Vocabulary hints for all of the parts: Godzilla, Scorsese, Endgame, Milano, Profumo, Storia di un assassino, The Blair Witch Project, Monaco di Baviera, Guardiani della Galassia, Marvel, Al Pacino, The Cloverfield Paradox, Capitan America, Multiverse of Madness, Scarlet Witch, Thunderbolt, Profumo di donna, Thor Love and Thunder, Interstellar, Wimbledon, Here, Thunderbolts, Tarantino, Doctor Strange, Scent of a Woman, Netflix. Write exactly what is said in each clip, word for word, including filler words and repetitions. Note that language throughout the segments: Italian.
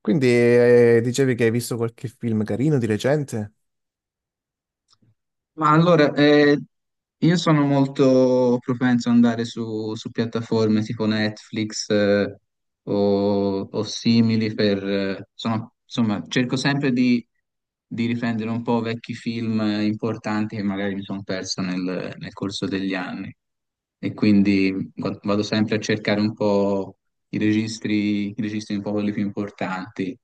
Quindi eh, dicevi che hai visto qualche film carino di recente? Ma allora, eh, io sono molto propenso ad andare su, su piattaforme tipo Netflix, eh, o, o simili per... eh, sono- insomma, cerco sempre di, di riprendere un po' vecchi film eh, importanti che magari mi sono perso nel, nel corso degli anni e quindi gu- vado sempre a cercare un po' i registri, i registri un po' quelli più importanti.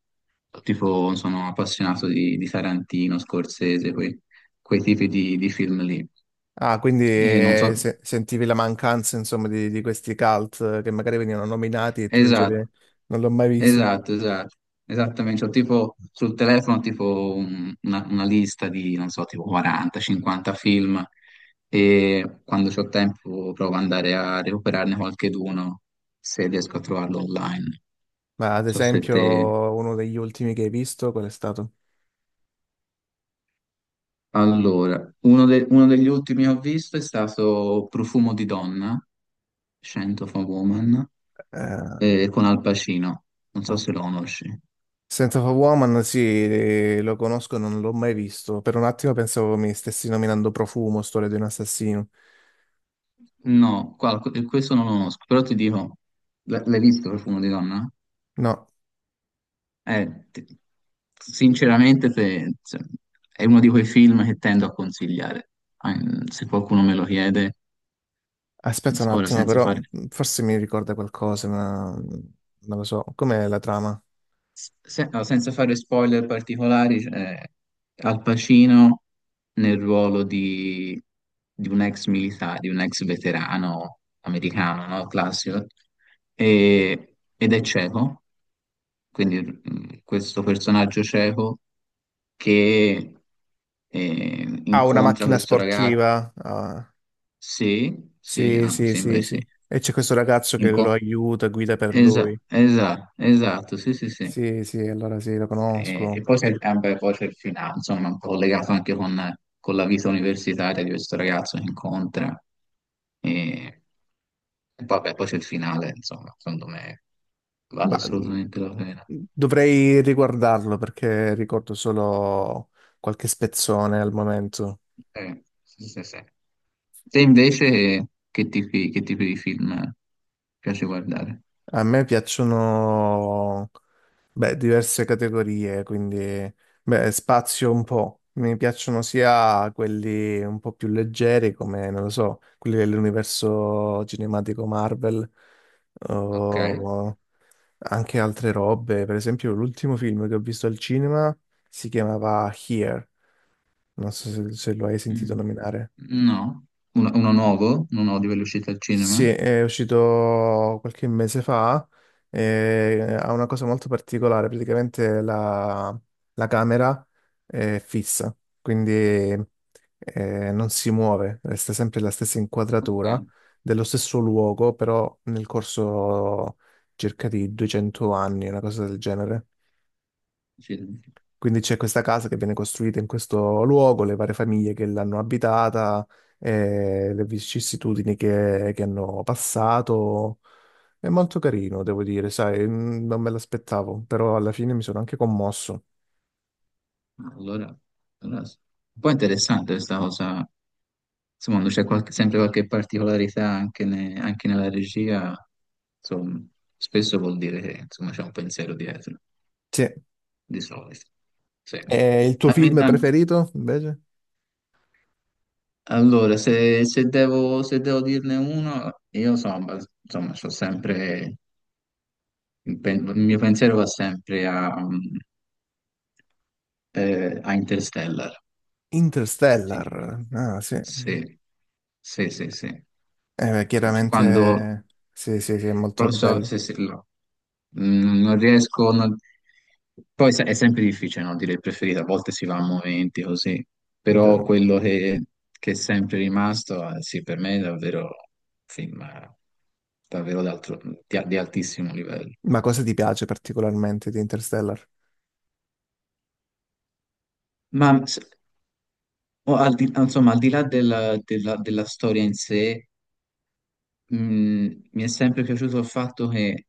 Tipo, sono appassionato di, di Tarantino, Scorsese, quei, quei tipi di, di film lì. Ah, quindi E non so, eh, se- sentivi la mancanza, insomma, di, di questi cult eh, che magari venivano nominati e tu dicevi "Eh, esatto, non l'ho mai visto." esatto, esatto, esattamente. Ho tipo sul telefono tipo un- una, una lista di, non so, tipo quaranta, cinquanta film e quando ho tempo provo ad andare a recuperarne qualcheduno se riesco a trovarlo online. Non Ma ad So se te... esempio uno degli ultimi che hai visto, qual è stato? Allora, uno, de- uno degli ultimi che ho visto è stato Profumo di donna, Scent of a Woman, Eh, eh, con Al Pacino. Non so no. se lo conosci. Scent of a Woman, sì, eh, lo conosco, non l'ho mai visto. Per un attimo pensavo mi stessi nominando Profumo, Storia di un assassino. No, qua- questo non lo conosco, però ti dico, l- l'hai visto Profumo di donna? No, Eh, ti- Sinceramente se- se- è uno di quei film che tendo a consigliare. Ah, mm, se qualcuno me lo chiede, aspetta un ora attimo, senza però fare. mm, forse mi ricorda qualcosa, ma mm, non lo so. Com'è la trama? Se- no, senza fare spoiler particolari, c'è Al Pacino nel ruolo di, di un ex militare, di un ex veterano americano, no? Classico. E- ed è cieco, quindi mm, questo personaggio cieco che eh, Ah, una incontra macchina questo ragazzo. sportiva. Ah, Sì, sì, sì, ah, mi sì, sembra sì, di sì. sì. E c'è questo ragazzo che lo Inco- aiuta, guida per esa- lui. esa- esatto, sì, sì, sì. Sì, sì, allora sì, lo E, e conosco. poi c'è il tempo e poi c'è il finale, insomma, un po' collegato anche con, con la vita universitaria di questo ragazzo che incontra. E, e poi, vabbè, poi c'è il finale, insomma, secondo me vale Ma mm, assolutamente la pena. dovrei riguardarlo perché ricordo solo qualche spezzone al momento. Eh, sì, sì, sì. Te invece che tipi, che tipi di film piace guardare? A me piacciono, beh, diverse categorie, quindi, beh, spazio un po'. Mi piacciono sia quelli un po' più leggeri, come, non lo so, quelli dell'universo cinematico Marvel, Ok. o anche altre robe. Per esempio, l'ultimo film che ho visto al cinema si chiamava Here. Non so se, se lo hai sentito Mm. nominare. No, uno, uno nuovo, uno nuovo di velocità al Sì, cinema. è uscito qualche mese fa, eh, ha una cosa molto particolare, praticamente la, la camera è fissa, quindi eh, non si muove, resta sempre la stessa Ok. inquadratura dello stesso luogo, però nel corso circa di duecento anni, una cosa del genere. Sì. Quindi c'è questa casa che viene costruita in questo luogo, le varie famiglie che l'hanno abitata, eh, le vicissitudini che, che hanno passato. È molto carino, devo dire, sai, mm, non me l'aspettavo, però alla fine mi sono anche commosso. Allora, allora, un po' interessante questa cosa. Insomma, quando c'è qualche- sempre qualche particolarità anche, ne- anche nella regia. Insomma, spesso vuol dire che insomma, c'è un pensiero dietro, Sì. di solito. Sì. E il tuo Ma mi- film ma- preferito, invece? allora, se, se devo, se devo dirne uno, io insomma, insomma, c'ho sempre, il, pen- il mio pensiero va sempre a, mm, eh, a Interstellar. Sinceramente. Interstellar. Ah, sì. Eh, Sì, sì, sì, sì. beh, Sincer- Quando chiaramente sì, sì, sì, è molto proprio bello, se, se- lo- mm, non riesco, non- poi sai, è sempre difficile no, dire il preferito, a volte si va a momenti così, è però vero. quello che, che è sempre rimasto, eh, sì, per me è davvero un film eh, davvero d'altro- di, di altissimo livello. Ma cosa ti piace particolarmente di Interstellar? Ma s- o al di, insomma, al di là della, della- della storia in sé, mh, mi è sempre piaciuto il fatto che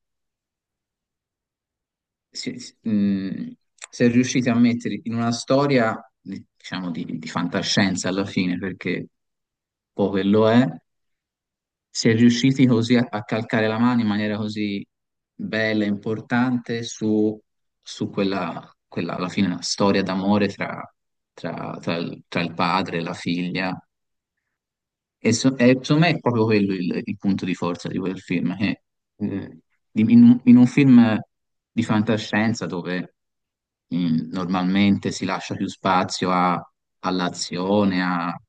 si, si- mh, si è riusciti a mettere in una storia, diciamo, di, di fantascienza alla fine, perché poi quello è, si è riusciti così a, a calcare la mano in maniera così bella e importante su, su quella, quella, alla fine, una storia d'amore tra, tra, tra il tra il padre e la figlia. E, so- e secondo me è proprio quello il, il punto di forza di quel film, che, eh, di- in, un in un film di fantascienza dove mm, normalmente si lascia più spazio a- all'azione a-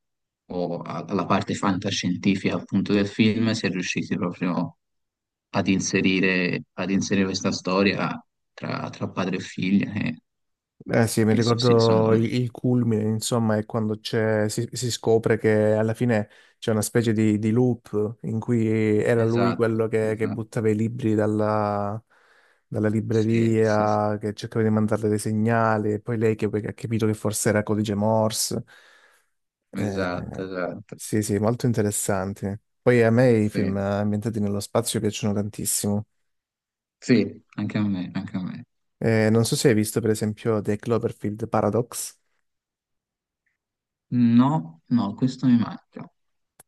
o a- alla parte fantascientifica appunto del film, si è riusciti proprio ad inserire, ad inserire questa storia tra, tra padre e figlia, che, Eh sì, mi che so- sì, secondo ricordo il, me. il culmine, insomma, è quando c'è- si, si scopre che alla fine c'è una specie di, di loop in cui era lui Esatto, quello che, che esatto, buttava i libri dalla, dalla sì, sì, sì. libreria, che cercava di mandarle dei segnali, e poi lei che, che ha capito che forse era codice Morse. Eh, esatto, oh, esatto, sì, sì, molto interessanti. Poi a me i film sì. ambientati nello spazio piacciono tantissimo. Sì, anche a me, anche a me. Eh, non so se hai visto, per esempio, The Cloverfield Paradox. No, no, questo mi manca.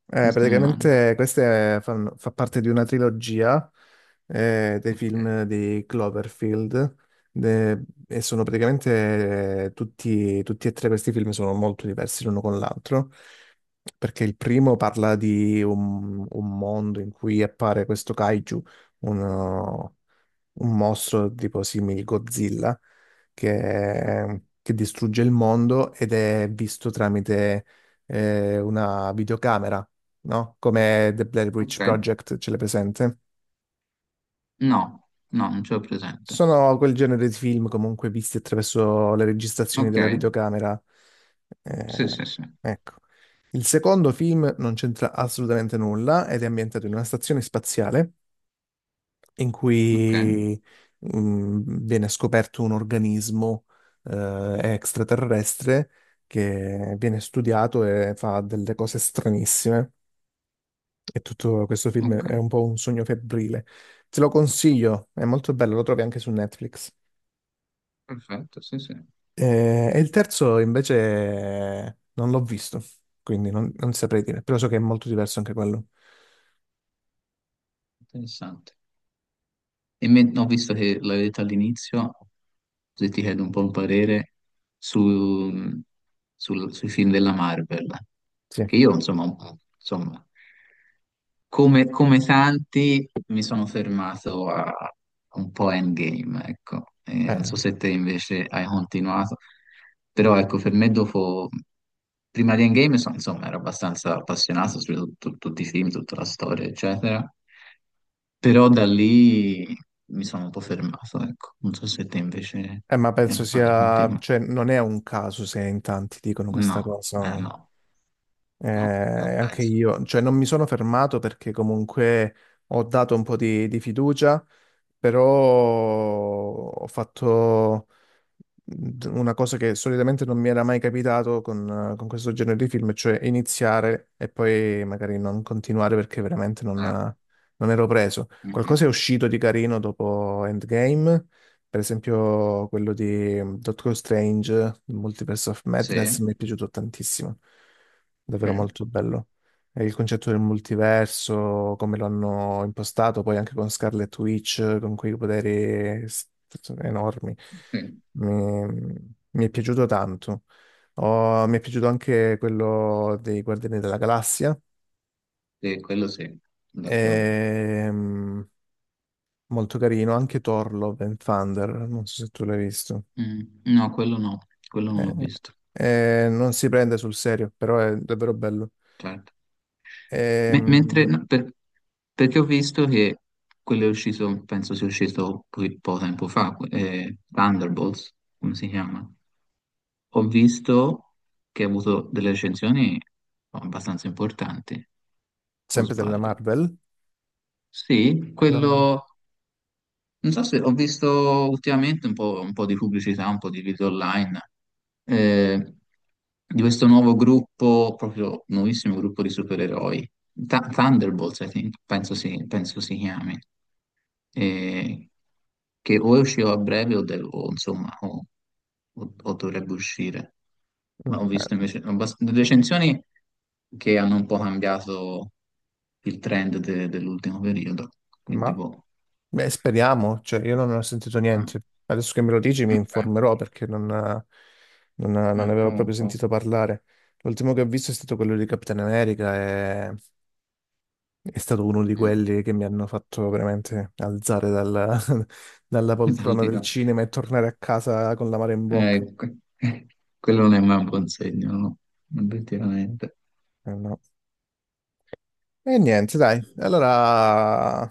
Eh, Questo mi manca. praticamente questa è- fanno- fa parte di una trilogia eh, dei Ok. film di Cloverfield de- e sono praticamente eh, tutti, tutti e tre questi film sono molto diversi l'uno con l'altro perché il primo parla di un, un mondo in cui appare questo kaiju, uno- un mostro tipo simile Godzilla che, che distrugge il mondo ed è visto tramite eh, una videocamera, no? Come The Blair Witch Ok. Project, ce l'è presente? No, no, non ce l'ho presente. Sono quel genere di film comunque visti attraverso le registrazioni Ok. della videocamera. Sì, Eh, sì, sì. ecco. Il secondo film non c'entra assolutamente nulla ed è ambientato in una stazione spaziale in Ok, cui mm, viene scoperto un organismo eh, extraterrestre che viene studiato e fa delle cose stranissime. E tutto questo film ok. è un po' un sogno febbrile. Te lo consiglio, è molto bello, lo trovi anche su Netflix. Perfetto, sì, sì. Eh, E, il terzo invece non l'ho visto, quindi non, non saprei dire, però so che è molto diverso anche quello. Interessante. E me- ho visto che l'hai detto all'inizio, se ti chiedo un po' un parere su- sul- sui film della Marvel, Sì, che io, insomma, un po', insomma. come, come tanti mi sono fermato a a un po' Endgame, ecco. E non so eh, se te invece hai continuato, però ecco, per me dopo, prima di Endgame, so- insomma, ero abbastanza appassionato su tut- tutti i film, tutta la storia, eccetera, però da lì mi sono un po' fermato, ecco. Non so se te invece. eh, ma eh, penso Vai, sia, continua. cioè non è un caso se in tanti dicono questa No, cosa. eh, no, Eh, no, non anche penso. io, cioè non mi sono fermato perché comunque ho dato un po' di, di fiducia, però ho fatto, una cosa che solitamente non mi era mai capitato con, eh, con questo genere di film, cioè iniziare e poi magari non continuare perché veramente non, Eh, eh, non ero preso. mm, mm. Qualcosa è uscito di carino dopo Endgame, per esempio quello di mm, Doctor Strange, il Multiverse of Sì, Madness, mi è piaciuto tantissimo, sì, davvero molto bello. E il concetto del multiverso, come lo hanno impostato, poi anche con Scarlet Witch, con quei poteri s- enormi mi mi è piaciuto tanto. Ho- sì. Mi è piaciuto anche quello dei Guardiani della Galassia. Sì, quello sì, d'accordo. Ehm, molto carino, anche Thor Love and Thunder, non so se tu l'hai visto. Mm, no, quello no, quello non l'ho Eh, visto, eh, Non si prende sul serio, però è davvero bello. certo. Me- Ehm, Mentre, no, per- perché ho visto che quello è uscito, penso sia uscito po- poco tempo fa, eh, Thunderbolts, come si chiama? Ho visto che ha avuto delle recensioni abbastanza importanti, o sempre della sbaglio. Marvel, Sì, no? quello. Non so se ho visto ultimamente un po', un po' di pubblicità, un po' di video online eh, di questo nuovo gruppo, proprio nuovissimo gruppo di supereroi, Th- Thunderbolts, I think, penso si, penso si chiami, eh, che o è uscito a breve o, de- o, insomma o, o- o dovrebbe uscire. Ma Mm, ho eh, visto invece abbast- recensioni che hanno un po' cambiato il trend de- dell'ultimo periodo, quindi ma boh. Beh, speriamo, cioè io non ne ho sentito Ah, niente. Adesso che me lo dici mi ok. informerò perché non, non- non ne Eh, avevo Prova un proprio po'. sentito parlare. L'ultimo che ho visto è stato quello di Capitan America e è stato uno di Eh, quelli che mi hanno fatto veramente alzare dalla, dalla dal poltrona di del là. cinema e tornare a casa con l'amaro in bocca. Eh, que- Quello non è mai un buon segno, no? Obiettivamente. Eh, no. E niente, dai, allora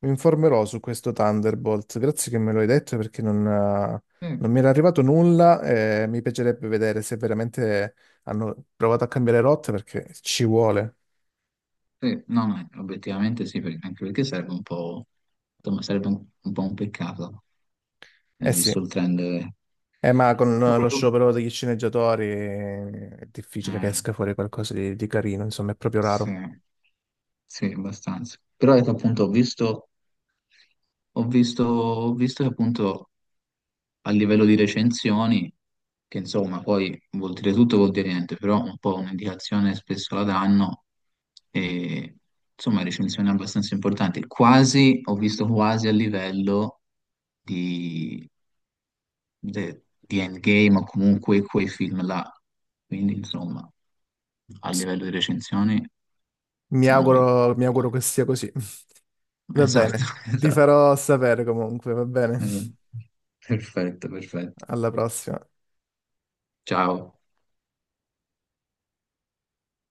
mi informerò su questo Thunderbolt. Grazie che me lo hai detto perché non, eh, Eh, non mi era arrivato nulla e mi piacerebbe vedere se veramente hanno provato a cambiare rotta perché ci vuole. sì, no, no, obiettivamente sì, perché- anche perché sarebbe un po', insomma, sarebbe un, un po' un peccato, eh, Eh visto sì, il trend. eh, eh, ma con lo Proprio- sciopero degli sceneggiatori è difficile che eh, esca fuori qualcosa di, di carino, insomma è proprio sì. raro. Sì, abbastanza. Però ecco, appunto ho visto, ho visto, ho visto che appunto a livello di recensioni, che insomma poi vuol dire tutto, vuol dire niente, però un po' un'indicazione spesso la danno, e insomma recensioni abbastanza importanti, quasi, ho visto quasi a livello di, de- di Endgame o comunque quei film là, quindi insomma a livello di recensioni Mi siamo lì. auguro, mi auguro che sia così. Va Esatto, bene, ti esatto. farò sapere comunque, va bene. Eh, Perfetto, perfetto. Alla prossima. Ciao.